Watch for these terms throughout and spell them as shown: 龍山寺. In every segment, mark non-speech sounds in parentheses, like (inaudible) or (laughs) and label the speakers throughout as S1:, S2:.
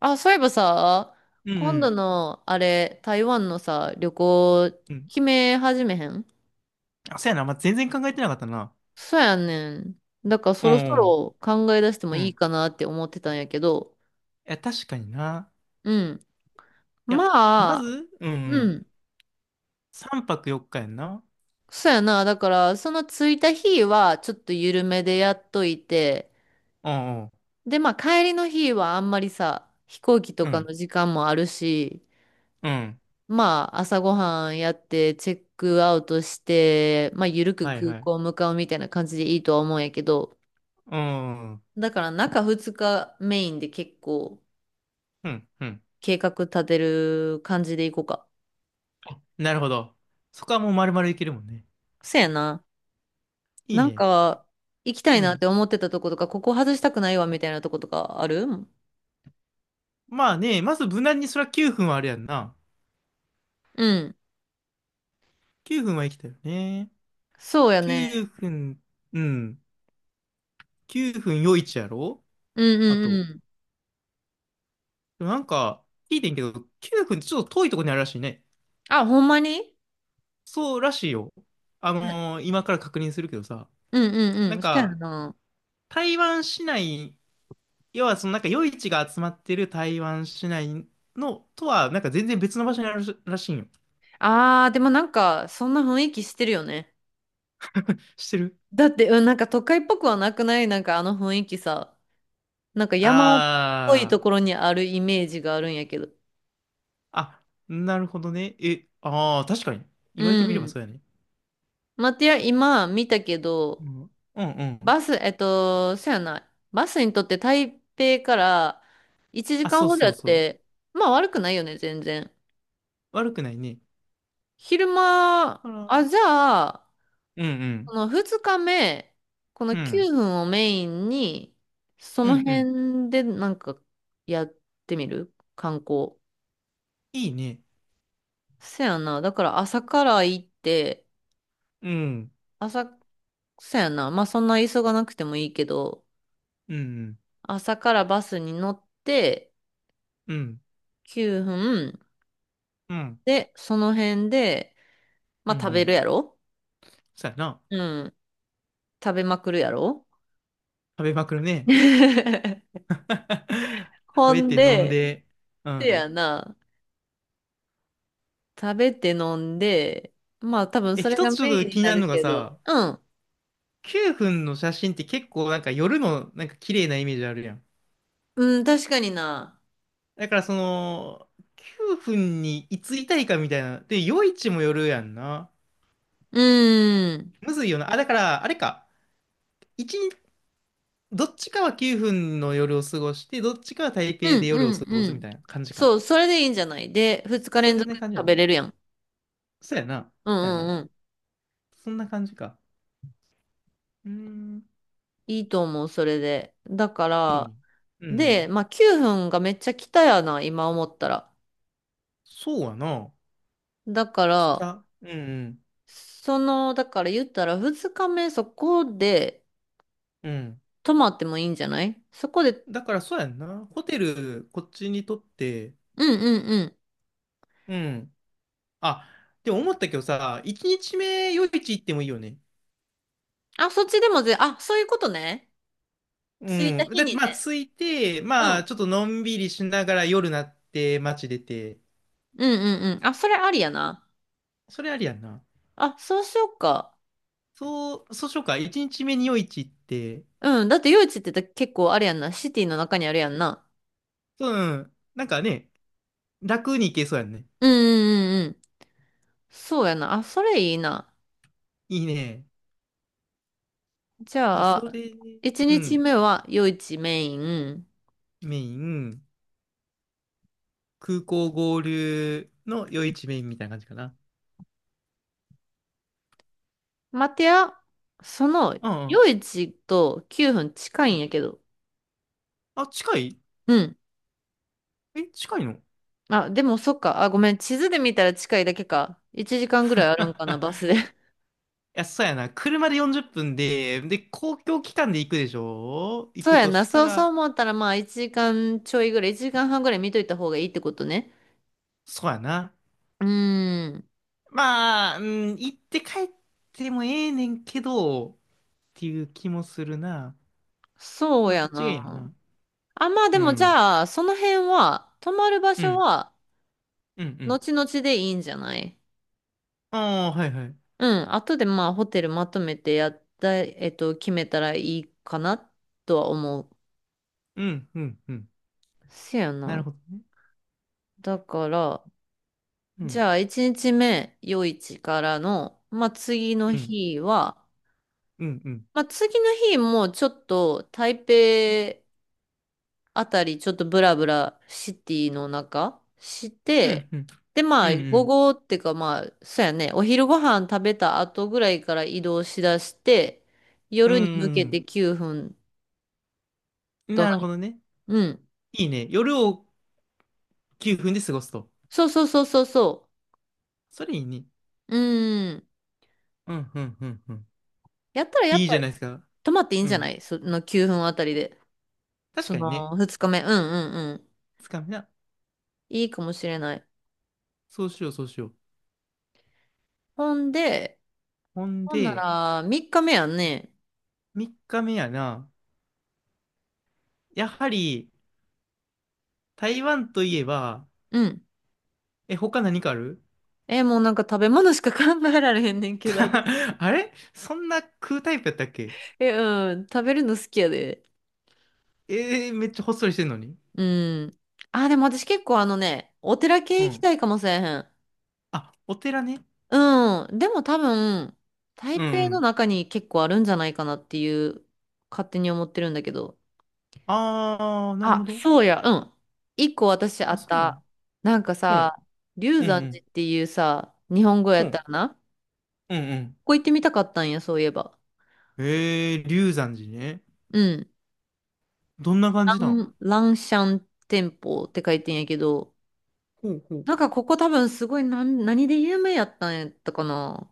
S1: あ、そういえばさ、
S2: うんう
S1: 今度
S2: ん
S1: の、あれ、台湾のさ、旅行、
S2: うん。
S1: 決め始めへん？
S2: あ、そうやな。まあ、全然考えてなかったな。
S1: そうやねん。だからそ
S2: う
S1: ろそ
S2: ん。
S1: ろ考え出しても
S2: う
S1: いい
S2: ん。
S1: かなって思ってたんやけど、
S2: いや、確かにな。
S1: うん。
S2: いや、ま
S1: まあ、
S2: ず、うんう
S1: う
S2: ん。
S1: ん。
S2: 3泊4日やんな。
S1: そうやな。だから、その着いた日は、ちょっと緩めでやっといて、
S2: うんうん。
S1: で、まあ、帰りの日はあんまりさ、飛行機と
S2: う
S1: か
S2: ん。
S1: の時間もあるし、
S2: うん。
S1: まあ、朝ごはんやって、チェックアウトして、まあ、ゆるく
S2: はい
S1: 空
S2: は
S1: 港
S2: い。
S1: 向かうみたいな感じでいいとは思うんやけど、
S2: うん。う
S1: だから中2日メインで結構
S2: ん。うん。
S1: 計画立てる感じでいこうか。
S2: なるほど。そこはもう丸々いけるもんね。
S1: そやな。
S2: いい
S1: なん
S2: ね。
S1: か、行きた
S2: う
S1: いなっ
S2: ん。
S1: て思ってたとことか、ここ外したくないわみたいなとことかある？
S2: まあね、まず無難にそりゃ9分はあれやんな。
S1: うん。
S2: 9分は生きたよね。
S1: そうやね。
S2: 9分、うん。9分いちやろ
S1: うん
S2: あ
S1: うん
S2: と。
S1: うん。
S2: でもなんか、聞いてんけど、9分ってちょっと遠いとこにあるらしいね。
S1: あ、ほんまに？
S2: そうらしいよ。
S1: はい。
S2: 今から確認するけどさ、
S1: うんうん
S2: な
S1: う
S2: ん
S1: ん。そしたや
S2: か、
S1: な。
S2: 台湾市内、要はそのなんか夜市が集まってる台湾市内のとは、なんか全然別の場所にあるらしいんよ。
S1: あー、でもなんか、そんな雰囲気してるよね。
S2: 知ってる。
S1: だって、うん、なんか都会っぽくはなくないなんかあの雰囲気さ。なんか山っぽいと
S2: あー、
S1: ころにあるイメージがあるんやけど。
S2: あ、なるほどね。え、ああ、確かに。
S1: う
S2: 言われてみれば
S1: ん。
S2: そうやね。
S1: まあ、てや、今見たけ
S2: う
S1: ど、
S2: ん、うん、うん。
S1: バス、そやな。バスにとって台北から1
S2: あ、
S1: 時間
S2: そう
S1: ほど
S2: そ
S1: や
S2: う
S1: っ
S2: そう。
S1: て、まあ悪くないよね、全然。
S2: 悪くないね。
S1: 昼間、
S2: あら、
S1: あ、じゃあ、
S2: うん、
S1: この2日目、この
S2: うん、う
S1: 9
S2: ん、
S1: 分をメインに、そ
S2: う
S1: の
S2: ん、うん。
S1: 辺でなんかやってみる観光。
S2: いいね。
S1: そやな。だから朝から行って、
S2: うん、
S1: 朝、そやな。まあそんな急がなくてもいいけど、
S2: うん、
S1: 朝からバスに乗って
S2: うん、
S1: 9分
S2: うん、うん、
S1: で、その辺で、ま
S2: うん。
S1: あ
S2: う
S1: 食べる
S2: ん、
S1: やろ？
S2: そうやな。
S1: うん。食べまくるやろ？
S2: 食べまくるね。
S1: (laughs)
S2: (laughs) 食
S1: ほ
S2: べ
S1: ん
S2: て飲ん
S1: で、
S2: で、う
S1: (laughs) せ
S2: ん。
S1: やな。食べて飲んで、まあ多分
S2: え、
S1: それ
S2: 一
S1: が
S2: つちょっ
S1: メ
S2: と
S1: イン
S2: 気
S1: に
S2: に
S1: な
S2: なるの
S1: る
S2: が
S1: け
S2: さ、
S1: ど、うん。
S2: 9分の写真って結構なんか夜のなんか綺麗なイメージあるやん。
S1: うん、確かにな。
S2: だからその、9分にいついたいかみたいな。で、夜市もよるやんな。
S1: うん。
S2: むずいよな。あ、だから、あれか。一日、どっちかは9分の夜を過ごして、どっちかは台北
S1: う
S2: で
S1: ん
S2: 夜
S1: う
S2: を
S1: ん
S2: 過ご
S1: う
S2: すみ
S1: ん。
S2: たいな感じか。
S1: そう、それでいいんじゃない？で、二日
S2: それ
S1: 連
S2: で
S1: 続
S2: 感じや
S1: 食
S2: ね。
S1: べれるやん。
S2: そうやな。
S1: うん
S2: そうや
S1: う
S2: な。
S1: んうん。
S2: そんな感じか。うーん。
S1: いいと思う、それで。だか
S2: いいね。
S1: ら、
S2: う
S1: で、
S2: ん。
S1: まあ9分がめっちゃ来たやな、今思ったら。
S2: そうやな。
S1: だか
S2: 北。
S1: ら、
S2: うんうん。
S1: その、だから言ったら2日目そこで
S2: うん。
S1: 泊まってもいいんじゃない？そこで、
S2: だからそうやんな。ホテル、こっちにとって、
S1: うんうんうん。
S2: うん。あ、でも思ったけどさ、1日目夜市行ってもいいよね。
S1: あ、そっちでもあ、そういうことね。
S2: う
S1: 着いた
S2: ん。
S1: 日
S2: だって
S1: に
S2: まあ
S1: ね。
S2: 着いて、
S1: う
S2: まあ
S1: ん。
S2: ちょっとのんびりしながら夜なって街出て、
S1: うんうんうん。あ、それありやな。
S2: それありやんな。
S1: あ、そうしようか。
S2: そう、そうしようか。1日目に夜市行って、
S1: うん。だって夜市って結構あれやんな。シティの中にあるやんな。
S2: うん。なんかね、楽に行けそうやんね。
S1: うんうんうんうん。そうやな。あ、それいいな。
S2: いいね。
S1: じ
S2: じゃあ
S1: ゃ
S2: そ
S1: あ、
S2: れ、
S1: 1
S2: う
S1: 日
S2: ん。
S1: 目は夜市メイン。
S2: メイン。空港合流の夜市メインみたいな感じかな。
S1: 待てや、その
S2: うん
S1: 夜市と9分近
S2: う
S1: いん
S2: ん。
S1: やけど。
S2: あ、近い。
S1: うん。
S2: え、近いの？ (laughs) い
S1: あ、でもそっか。あ、ごめん。地図で見たら近いだけか。1時間ぐらいあるんかな、バスで。(laughs)
S2: や、そうやな。車で40分で、で、公共機関で行くでしょ、行
S1: そう
S2: く
S1: や
S2: と
S1: な。
S2: した
S1: そうそう
S2: ら、
S1: 思ったら、まあ1時間ちょいぐらい、1時間半ぐらい見といた方がいいってことね。
S2: そうやな。
S1: うーん。
S2: まあ、うん、行って帰ってもええねんけど、っていう気もするな。
S1: そう
S2: どっ
S1: や
S2: ちがいいのか
S1: な。
S2: な。
S1: あ、まあで
S2: う
S1: もじ
S2: ん。
S1: ゃあ、その辺は、泊まる場
S2: う
S1: 所
S2: ん。
S1: は、
S2: うん。うん。
S1: 後々でいいんじゃない？
S2: ああ、はいはい。
S1: うん。後でまあ、ホテルまとめてやった、決めたらいいかな、とは思う。
S2: うん。うん。うん。
S1: せや
S2: な
S1: な。
S2: るほどね。
S1: だから、
S2: う
S1: じ
S2: ん。
S1: ゃあ、1日目、夜市からの、まあ、次の
S2: うん。
S1: 日は、
S2: うん。うん。
S1: まあ、次の日もちょっと、台
S2: うん。
S1: 北あたりちょっとブラブラシティの中し
S2: うん。
S1: て、
S2: うん。
S1: で、ま
S2: う
S1: あ、午
S2: ん。
S1: 後っていうかまあ、そうやね、お昼ご飯食べた後ぐらいから移動しだして、
S2: うー
S1: 夜に向けて
S2: ん。
S1: 9分と
S2: な
S1: な
S2: るほ
S1: い。
S2: どね。
S1: うん。
S2: いいね。夜を9分で過ごすと。
S1: そうそうそうそうそ
S2: それいいね。
S1: う。うん。
S2: うん、うん、うん、うん。
S1: やったらやっ
S2: いいじ
S1: ぱ
S2: ゃ
S1: り
S2: ないですか。
S1: 泊まっていいん
S2: う
S1: じゃな
S2: ん。
S1: い？その9分あたりで。
S2: 確
S1: そ
S2: かにね。
S1: の2日目。うんうんうん。
S2: つかみな。
S1: いいかもしれない。
S2: そうしよう、そうしよう。
S1: ほんで、
S2: ほん
S1: ほんなら
S2: で、
S1: 3日目やんね。
S2: 3日目やな。やはり、台湾といえば、
S1: うん。
S2: え、他何かある？
S1: え、もうなんか食べ物しか考えられへんねんけど。
S2: (laughs) あれそんな食うタイプやったっけ？
S1: え、うん。食べるの好きやで。
S2: えー、めっちゃほっそりしてんのに。
S1: うん。あ、でも私結構あのね、お寺
S2: う
S1: 系行き
S2: ん。
S1: たいかもしれへん。
S2: あ、お寺ね。
S1: うん。でも多分、
S2: うん、
S1: 台
S2: う
S1: 北の
S2: ん。
S1: 中に結構あるんじゃないかなっていう、勝手に思ってるんだけど。
S2: あー、なるほ
S1: あ、
S2: ど。
S1: そうや。うん。1個私あ
S2: あ、
S1: っ
S2: そうなんや。
S1: た。なんか
S2: うん、
S1: さ、龍
S2: うん、う
S1: 山寺
S2: ん。
S1: っていうさ、日本語や
S2: う
S1: った
S2: ん、
S1: らな。こ
S2: うん、うん。
S1: こ行ってみたかったんや、そういえば。
S2: えー、龍山寺ね。
S1: うん。
S2: どんな感じ
S1: ラ
S2: なん？
S1: ン、ランシャン店舗って書いてんやけど、
S2: ほうほう。
S1: なんかここ多分すごい何で有名やったんやったかな。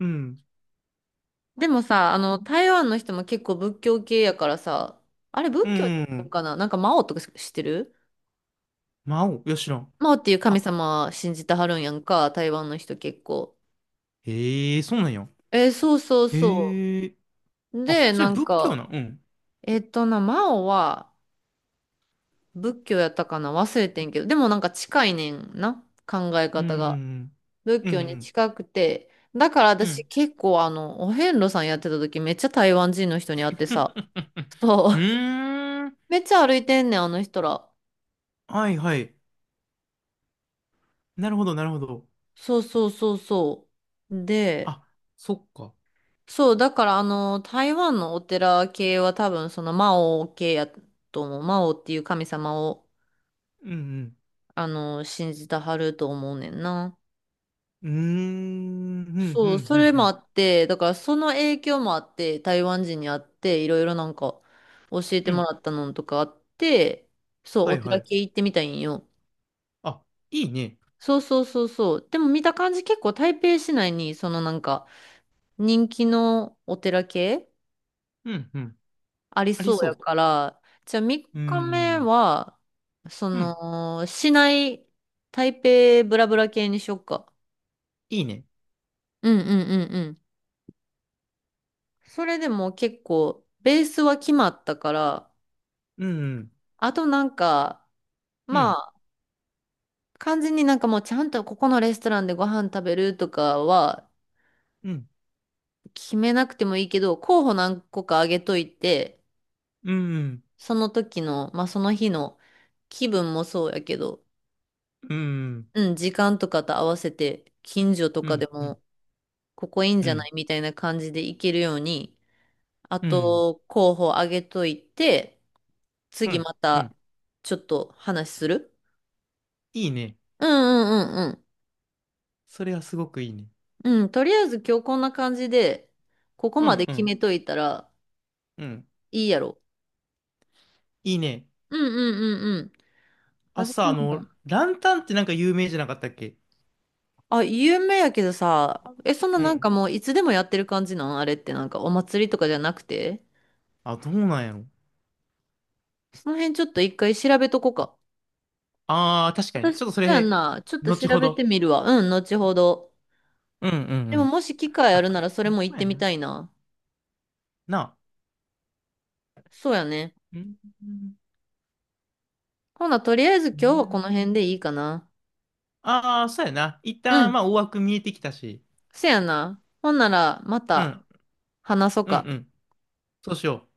S2: うん。
S1: でもさ、あの、台湾の人も結構仏教系やからさ、あれ
S2: う
S1: 仏教や
S2: ん。
S1: っ
S2: う
S1: たん
S2: ん。
S1: かななんか魔王とか知ってる？
S2: 魔王。いや、知らん。
S1: 魔王っていう神
S2: あ、
S1: 様信じてはるんやんか、台湾の人結構。
S2: ええー、そうなんや。
S1: そうそうそ
S2: ええー。
S1: う。
S2: あ、
S1: で、
S2: それ
S1: なん
S2: 仏教
S1: か、
S2: なん？うん。
S1: えっとな、魔王は仏教やったかな忘れてんけど、でもなんか近いねんな、考え
S2: う
S1: 方が。
S2: ん。
S1: 仏
S2: う
S1: 教に
S2: ん。
S1: 近くて。だから
S2: うん。う
S1: 私
S2: ん。
S1: 結構あの、お遍路さんやってた時めっちゃ台湾人の人に会ってさ。
S2: (laughs)
S1: そ
S2: う
S1: う。
S2: ーん。
S1: (laughs) めっちゃ歩いてんねん、あの人ら。
S2: はいはい。なるほど、なるほど。
S1: そうそうそうそう。で、
S2: あ、そっか。
S1: そう、だからあの、台湾のお寺系は多分そのマオ系やと思う。マオっていう神様を、
S2: うん
S1: あの、信じたはると思うねんな。
S2: うん。うーん。うん、う
S1: そう、
S2: ん、う
S1: そ
S2: ん、
S1: れ
S2: う
S1: もあ
S2: ん。
S1: って、だからその影響もあって、台湾人に会って、いろいろなんか教え
S2: う
S1: ても
S2: ん。
S1: らったのとかあって、そう、
S2: は
S1: お
S2: いは
S1: 寺
S2: い。
S1: 系行ってみたいんよ。
S2: あ、いいね。
S1: そうそうそうそう。でも見た感じ結構台北市内に、そのなんか人気のお寺系
S2: うん、うん。
S1: あり
S2: あり
S1: そうや
S2: そ
S1: から、じゃあ3日
S2: う。うー
S1: 目
S2: ん。
S1: は、そ
S2: うん。
S1: の、市内、台北ブラブラ系にしよっか。
S2: いいね。
S1: うんうんうんうん。それでも結構、ベースは決まったから、
S2: うんうん。
S1: あとなんか、
S2: う
S1: ま
S2: ん、
S1: あ、完全になんかもうちゃんとここのレストランでご飯食べるとかは
S2: うん、
S1: 決めなくてもいいけど、候補何個かあげといて、
S2: うん、
S1: その時の、まあその日の気分もそうやけど、
S2: うん、うん、
S1: うん、時間とかと合わせて、近所と
S2: う
S1: か
S2: ん、
S1: で
S2: うん、
S1: も、ここいいん
S2: う
S1: じゃな
S2: ん、
S1: いみたいな感じで行けるように、あと、候補あげといて、
S2: う
S1: 次
S2: ん、
S1: ま
S2: う
S1: た、
S2: ん。
S1: ちょっと話する？
S2: いいね。
S1: うんうんうん
S2: それはすごくいいね。
S1: うん、とりあえず今日こんな感じで、ここ
S2: う
S1: ま
S2: ん、
S1: で
S2: う
S1: 決め
S2: ん、
S1: といたら
S2: うん。
S1: いいやろ。
S2: いいね。
S1: うんうんうんうん。
S2: あ、
S1: 私
S2: さ、あ
S1: も、
S2: の、ランタンってなんか有名じゃなかったっけ？
S1: あ、有名やけどさ、え、そんな
S2: う
S1: なんか
S2: ん。
S1: もういつでもやってる感じなん？あれってなんかお祭りとかじゃなくて？
S2: あ、どうなんやろ。
S1: その辺ちょっと一回調べとこうか。
S2: ああ、確かに。
S1: 私、
S2: ちょっとそ
S1: そうやん
S2: れ、
S1: な。ちょっと調
S2: 後ほ
S1: べて
S2: ど。
S1: みるわ。うん、後ほど。
S2: うん、うん、う
S1: でも
S2: ん。
S1: もし機会
S2: あ、
S1: あるならそれ
S2: ほん
S1: も行っ
S2: ま
S1: て
S2: や
S1: み
S2: な。
S1: たいな。
S2: なあ。
S1: そうやね。
S2: うん、う
S1: ほな、とりあえず
S2: ん、
S1: 今日
S2: な
S1: はこ
S2: る
S1: の
S2: ほどね。
S1: 辺でいいかな。
S2: ああ、そうやな。一
S1: う
S2: 旦、
S1: ん、
S2: まあ、大枠見えてきたし。
S1: せやな。ほんならま
S2: う
S1: た
S2: ん、
S1: 話そう
S2: うん、
S1: か。
S2: うん。そうしよう。